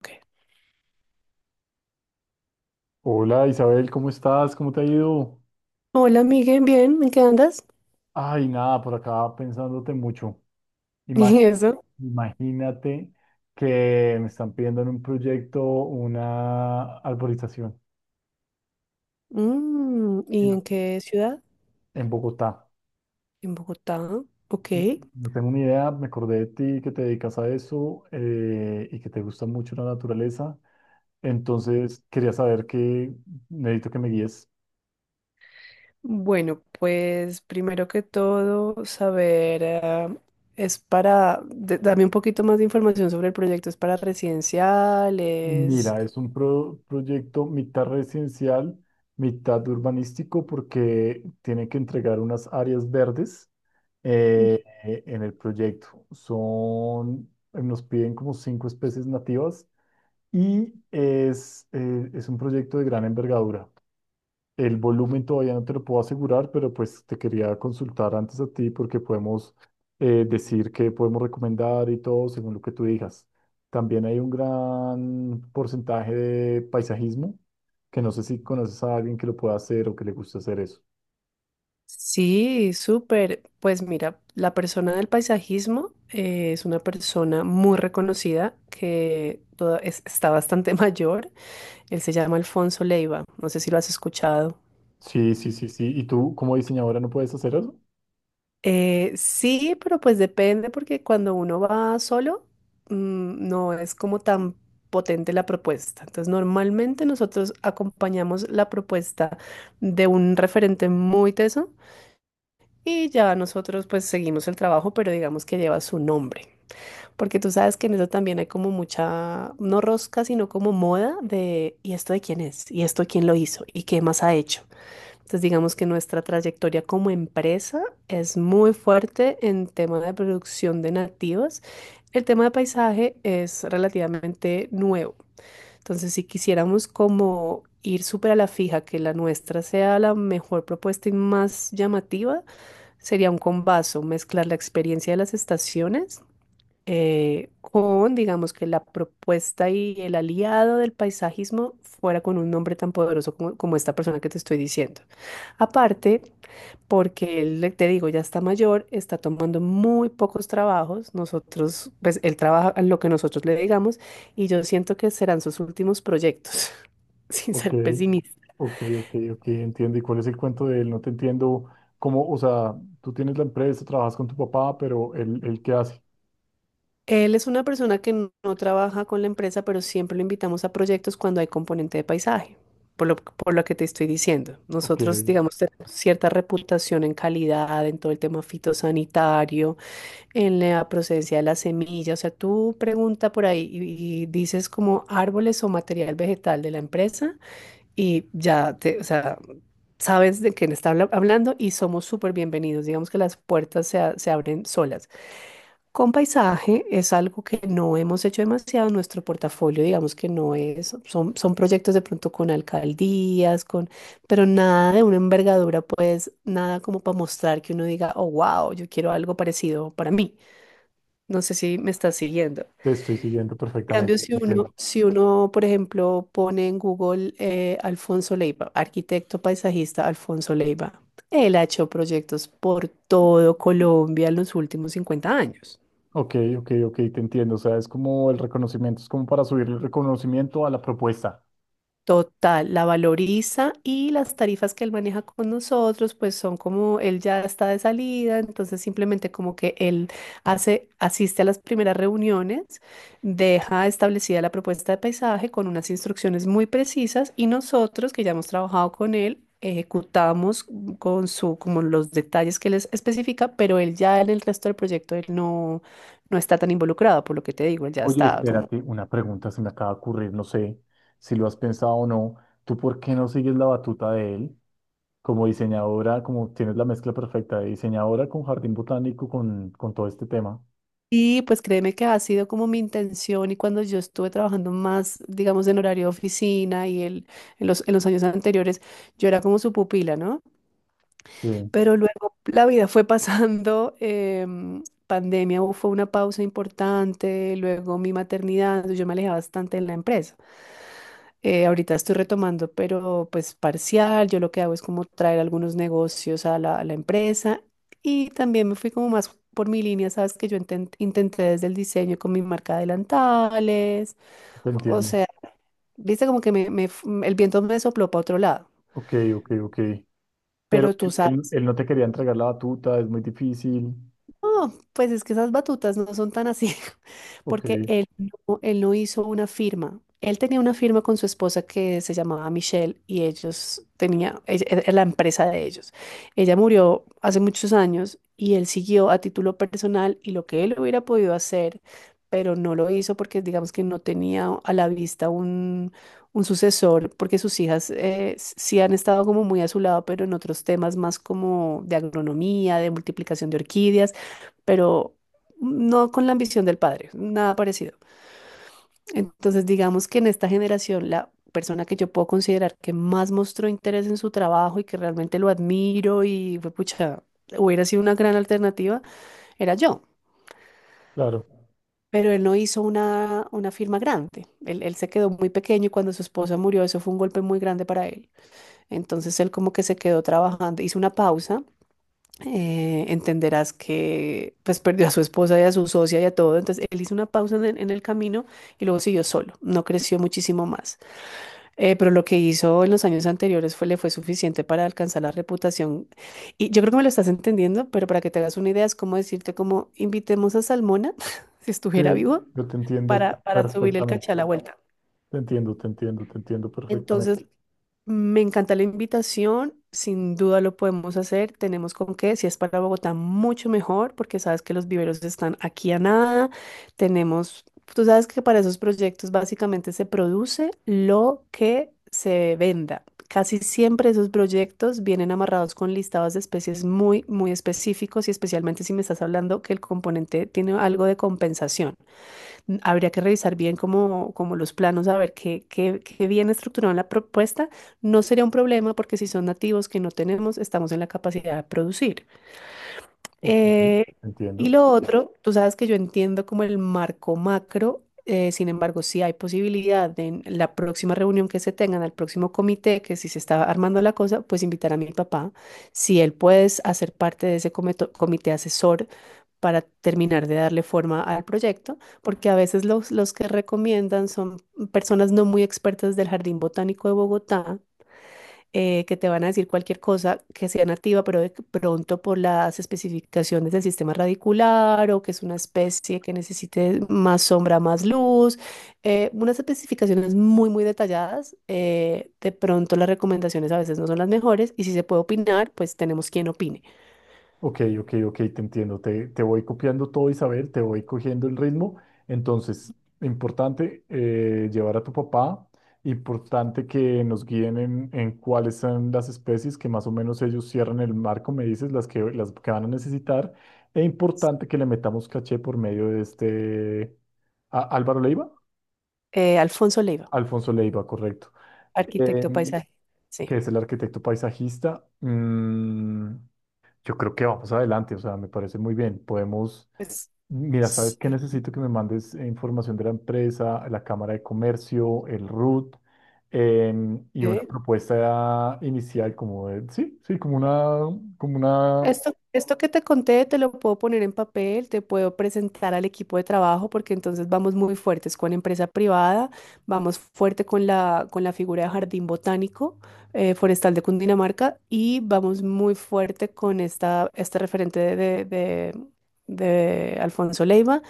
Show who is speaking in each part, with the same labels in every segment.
Speaker 1: Ok.
Speaker 2: Hola, Isabel, ¿cómo estás? ¿Cómo te ha ido?
Speaker 1: Hola, Miguel, bien, ¿en qué andas?
Speaker 2: Ay, nada, por acá pensándote mucho. Ima-
Speaker 1: ¿Y eso?
Speaker 2: Imagínate que me están pidiendo en un proyecto una arborización
Speaker 1: Mm,
Speaker 2: en
Speaker 1: ¿y en qué ciudad?
Speaker 2: Bogotá.
Speaker 1: En Bogotá. Ok.
Speaker 2: Y No tengo ni idea, me acordé de ti que te dedicas a eso, y que te gusta mucho la naturaleza. Entonces quería saber qué necesito que me guíes.
Speaker 1: Bueno, pues primero que todo, saber, es para, dame un poquito más de información sobre el proyecto, es para residenciales.
Speaker 2: Mira, es un proyecto mitad residencial, mitad urbanístico, porque tiene que entregar unas áreas verdes en el proyecto. Son, nos piden como cinco especies nativas y es un proyecto de gran envergadura. El volumen todavía no te lo puedo asegurar, pero pues te quería consultar antes a ti porque podemos decir que podemos recomendar y todo según lo que tú digas. También hay un gran porcentaje de paisajismo, que no sé si conoces a alguien que lo pueda hacer o que le guste hacer eso.
Speaker 1: Sí, súper. Pues mira, la persona del paisajismo es una persona muy reconocida que está bastante mayor. Él se llama Alfonso Leiva, no sé si lo has escuchado.
Speaker 2: Sí, sí,
Speaker 1: Sí.
Speaker 2: sí, sí. ¿Y tú como diseñadora no puedes hacer eso?
Speaker 1: Sí, pero pues depende porque cuando uno va solo, no es como tan potente la propuesta. Entonces, normalmente nosotros acompañamos la propuesta de un referente muy teso y ya nosotros pues seguimos el trabajo, pero digamos que lleva su nombre. Porque tú sabes que en eso también hay como mucha, no rosca, sino como moda de, ¿y esto de quién es? ¿Y esto quién lo hizo? ¿Y qué más ha hecho? Entonces, digamos que nuestra trayectoria como empresa es muy fuerte en tema de producción de nativas. El tema de paisaje es relativamente nuevo. Entonces, si quisiéramos como ir súper a la fija, que la nuestra sea la mejor propuesta y más llamativa, sería un combazo, mezclar la experiencia de las estaciones con, digamos, que la propuesta y el aliado del paisajismo fuera con un nombre tan poderoso como, como esta persona que te estoy diciendo. Aparte, porque él, te digo, ya está mayor, está tomando muy pocos trabajos. Nosotros, pues él trabaja en lo que nosotros le digamos y yo siento que serán sus últimos proyectos, sin
Speaker 2: Ok,
Speaker 1: ser pesimista.
Speaker 2: ok, ok, ok, entiendo. ¿Y cuál es el cuento de él? No te entiendo cómo, o sea, tú tienes la empresa, trabajas con tu papá, pero él ¿qué hace?
Speaker 1: Él es una persona que no trabaja con la empresa, pero siempre lo invitamos a proyectos cuando hay componente de paisaje, por lo que te estoy diciendo.
Speaker 2: Ok.
Speaker 1: Nosotros, digamos, tenemos cierta reputación en calidad, en todo el tema fitosanitario, en la procedencia de las semillas. O sea, tú pregunta por ahí y dices como árboles o material vegetal de la empresa y ya te, o sea, sabes de quién está hablando y somos súper bienvenidos. Digamos que las puertas se, se abren solas. Con paisaje es algo que no hemos hecho demasiado en nuestro portafolio, digamos que no es, son proyectos de pronto con alcaldías, con, pero nada de una envergadura, pues nada como para mostrar que uno diga, oh, wow, yo quiero algo parecido para mí. No sé si me estás siguiendo.
Speaker 2: Te estoy siguiendo
Speaker 1: En
Speaker 2: perfectamente,
Speaker 1: cambio, si
Speaker 2: te
Speaker 1: uno,
Speaker 2: entiendo.
Speaker 1: si uno, por ejemplo, pone en Google Alfonso Leiva, arquitecto paisajista Alfonso Leiva, él ha hecho proyectos por todo Colombia en los últimos 50 años.
Speaker 2: Ok, ok, ok, te entiendo. O sea, es como el reconocimiento, es como para subir el reconocimiento a la propuesta.
Speaker 1: Total, la valoriza y las tarifas que él maneja con nosotros, pues son como él ya está de salida, entonces simplemente como que él hace, asiste a las primeras reuniones, deja establecida la propuesta de paisaje con unas instrucciones muy precisas y nosotros que ya hemos trabajado con él, ejecutamos con su, como los detalles que les especifica, pero él ya en el resto del proyecto él no, no está tan involucrado, por lo que te digo, él ya
Speaker 2: Oye,
Speaker 1: está como.
Speaker 2: espérate, una pregunta se me acaba de ocurrir, no sé si lo has pensado o no. ¿Tú por qué no sigues la batuta de él? Como diseñadora, como tienes la mezcla perfecta de diseñadora con jardín botánico, con todo este tema.
Speaker 1: Y pues créeme que ha sido como mi intención y cuando yo estuve trabajando más, digamos, en horario de oficina y en en los años anteriores, yo era como su pupila, ¿no?
Speaker 2: Sí,
Speaker 1: Pero luego la vida fue pasando, pandemia fue una pausa importante, luego mi maternidad, yo me alejé bastante de la empresa. Ahorita estoy retomando, pero pues parcial. Yo lo que hago es como traer algunos negocios a la empresa, y también me fui como más por mi línea. Sabes que yo intenté desde el diseño con mi marca de delantales,
Speaker 2: te
Speaker 1: o
Speaker 2: entiendo.
Speaker 1: sea, viste como que el viento me sopló para otro lado,
Speaker 2: Ok, ok, ok. Pero
Speaker 1: pero tú
Speaker 2: él,
Speaker 1: sabes.
Speaker 2: él no te quería entregar la batuta, es muy difícil.
Speaker 1: No, pues es que esas batutas no son tan así,
Speaker 2: Ok,
Speaker 1: porque él no hizo una firma. Él tenía una firma con su esposa que se llamaba Michelle y ellos tenía, era la empresa de ellos. Ella murió hace muchos años y él siguió a título personal y lo que él hubiera podido hacer, pero no lo hizo porque digamos que no tenía a la vista un sucesor, porque sus hijas sí han estado como muy a su lado, pero en otros temas más como de agronomía, de multiplicación de orquídeas, pero no con la ambición del padre, nada parecido. Entonces, digamos que en esta generación, la persona que yo puedo considerar que más mostró interés en su trabajo y que realmente lo admiro y fue pucha, hubiera sido una gran alternativa, era yo.
Speaker 2: claro.
Speaker 1: Pero él no hizo una firma grande. Él se quedó muy pequeño, y cuando su esposa murió, eso fue un golpe muy grande para él. Entonces él como que se quedó trabajando, hizo una pausa. Entenderás que pues perdió a su esposa y a su socia y a todo. Entonces él hizo una pausa en el camino y luego siguió solo, no creció muchísimo más. Pero lo que hizo en los años anteriores fue, le fue suficiente para alcanzar la reputación. Y yo creo que me lo estás entendiendo, pero para que te hagas una idea es como decirte como invitemos a Salmona, si estuviera
Speaker 2: Sí,
Speaker 1: vivo,
Speaker 2: yo te entiendo
Speaker 1: para subirle el
Speaker 2: perfectamente.
Speaker 1: caché a la vuelta.
Speaker 2: Te entiendo, te entiendo, te entiendo perfectamente.
Speaker 1: Entonces me encanta la invitación, sin duda lo podemos hacer, tenemos con qué. Si es para Bogotá, mucho mejor, porque sabes que los viveros están aquí a nada, tenemos, tú sabes que para esos proyectos básicamente se produce lo que se venda. Casi siempre esos proyectos vienen amarrados con listados de especies muy, muy específicos y especialmente si me estás hablando que el componente tiene algo de compensación. Habría que revisar bien como, como los planos, a ver qué, bien estructurada la propuesta. No sería un problema porque si son nativos que no tenemos, estamos en la capacidad de producir.
Speaker 2: Ok, te
Speaker 1: Eh, y
Speaker 2: entiendo.
Speaker 1: lo otro, tú sabes que yo entiendo como el marco macro. Sin embargo, si hay posibilidad de en la próxima reunión que se tengan, al próximo comité, que si se está armando la cosa, pues invitar a mi papá, si él puede hacer parte de ese comité asesor para terminar de darle forma al proyecto, porque a veces los que recomiendan son personas no muy expertas del Jardín Botánico de Bogotá, que te van a decir cualquier cosa que sea nativa, pero de pronto por las especificaciones del sistema radicular o que es una especie que necesite más sombra, más luz, unas especificaciones muy, muy detalladas. De pronto las recomendaciones a veces no son las mejores y si se puede opinar, pues tenemos quien opine.
Speaker 2: Ok, ok, ok, te entiendo. Te voy copiando todo, Isabel, te voy cogiendo el ritmo. Entonces, importante, llevar a tu papá, importante que nos guíen en cuáles son las especies que más o menos ellos cierran el marco, me dices, las que van a necesitar. E importante que le metamos caché por medio de este... Álvaro Leiva?
Speaker 1: Alfonso Leiva,
Speaker 2: Alfonso Leiva, correcto.
Speaker 1: arquitecto paisaje.
Speaker 2: Que
Speaker 1: Sí.
Speaker 2: es el arquitecto paisajista, mm, yo creo que vamos adelante, o sea, me parece muy bien. Podemos,
Speaker 1: Pues,
Speaker 2: mira, ¿sabes qué?
Speaker 1: sí.
Speaker 2: Necesito que me mandes, información de la empresa, la Cámara de Comercio, el RUT, y una
Speaker 1: ¿Eh?
Speaker 2: propuesta inicial como de, sí, sí, como una,
Speaker 1: Esto que te conté te lo puedo poner en papel, te puedo presentar al equipo de trabajo porque entonces vamos muy fuertes con empresa privada, vamos fuerte con la figura de Jardín Botánico Forestal de Cundinamarca, y vamos muy fuerte con este referente de Alfonso Leiva.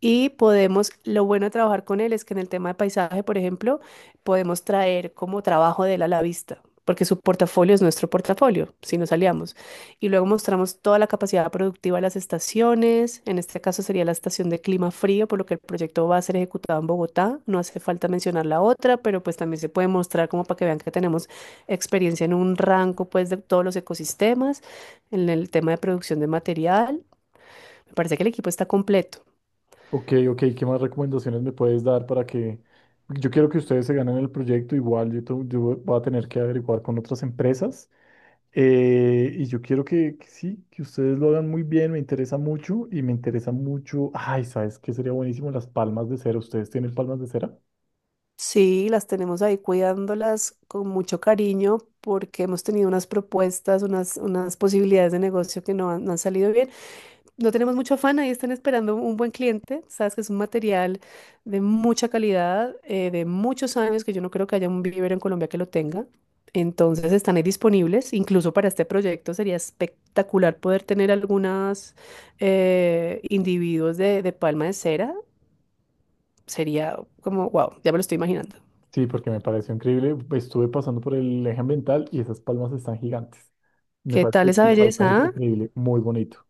Speaker 1: Y podemos, lo bueno de trabajar con él es que en el tema de paisaje, por ejemplo, podemos traer como trabajo de él a la vista, porque su portafolio es nuestro portafolio, si nos aliamos. Y luego mostramos toda la capacidad productiva de las estaciones, en este caso sería la estación de clima frío, por lo que el proyecto va a ser ejecutado en Bogotá. No hace falta mencionar la otra, pero pues también se puede mostrar como para que vean que tenemos experiencia en un rango pues de todos los ecosistemas, en el tema de producción de material. Me parece que el equipo está completo.
Speaker 2: ok, ok, ¿qué más recomendaciones me puedes dar para que... Yo quiero que ustedes se ganen el proyecto, igual yo, yo voy a tener que averiguar con otras empresas. Y yo quiero que sí, que ustedes lo hagan muy bien, me interesa mucho y me interesa mucho. Ay, ¿sabes qué sería buenísimo? Las palmas de cera. ¿Ustedes tienen palmas de cera?
Speaker 1: Sí, las tenemos ahí cuidándolas con mucho cariño porque hemos tenido unas propuestas, unas posibilidades de negocio que no han salido bien. No tenemos mucho afán, ahí están esperando un buen cliente. Sabes que es un material de mucha calidad, de muchos años, que yo no creo que haya un vivero en Colombia que lo tenga. Entonces están ahí disponibles, incluso para este proyecto sería espectacular poder tener algunos individuos de palma de cera. Sería como, wow, ya me lo estoy imaginando.
Speaker 2: Sí, porque me pareció increíble. Estuve pasando por el eje ambiental y esas palmas están gigantes. Me
Speaker 1: ¿Qué tal
Speaker 2: parece
Speaker 1: esa
Speaker 2: que el paisaje
Speaker 1: belleza?
Speaker 2: es
Speaker 1: ¿Ah?
Speaker 2: increíble, muy bonito,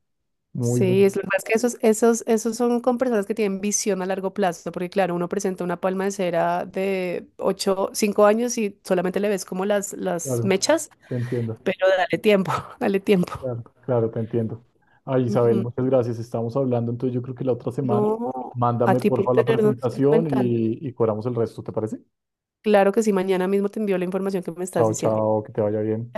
Speaker 2: muy
Speaker 1: Sí, es
Speaker 2: bonito.
Speaker 1: lo que pasa es que esos son con personas que tienen visión a largo plazo, porque claro, uno presenta una palma de cera de 8 5 años y solamente le ves como las
Speaker 2: Claro,
Speaker 1: mechas,
Speaker 2: te entiendo,
Speaker 1: pero dale tiempo, dale tiempo.
Speaker 2: claro, claro, te entiendo. Ay, Isabel,
Speaker 1: Ujú.
Speaker 2: muchas gracias. Estamos hablando, entonces yo creo que la otra semana.
Speaker 1: No, a
Speaker 2: Mándame
Speaker 1: ti
Speaker 2: por
Speaker 1: por
Speaker 2: favor la
Speaker 1: tenernos en
Speaker 2: presentación
Speaker 1: cuenta.
Speaker 2: y cobramos el resto, ¿te parece?
Speaker 1: Claro que sí, mañana mismo te envío la información que me estás
Speaker 2: Chao,
Speaker 1: diciendo.
Speaker 2: chao, que te vaya bien.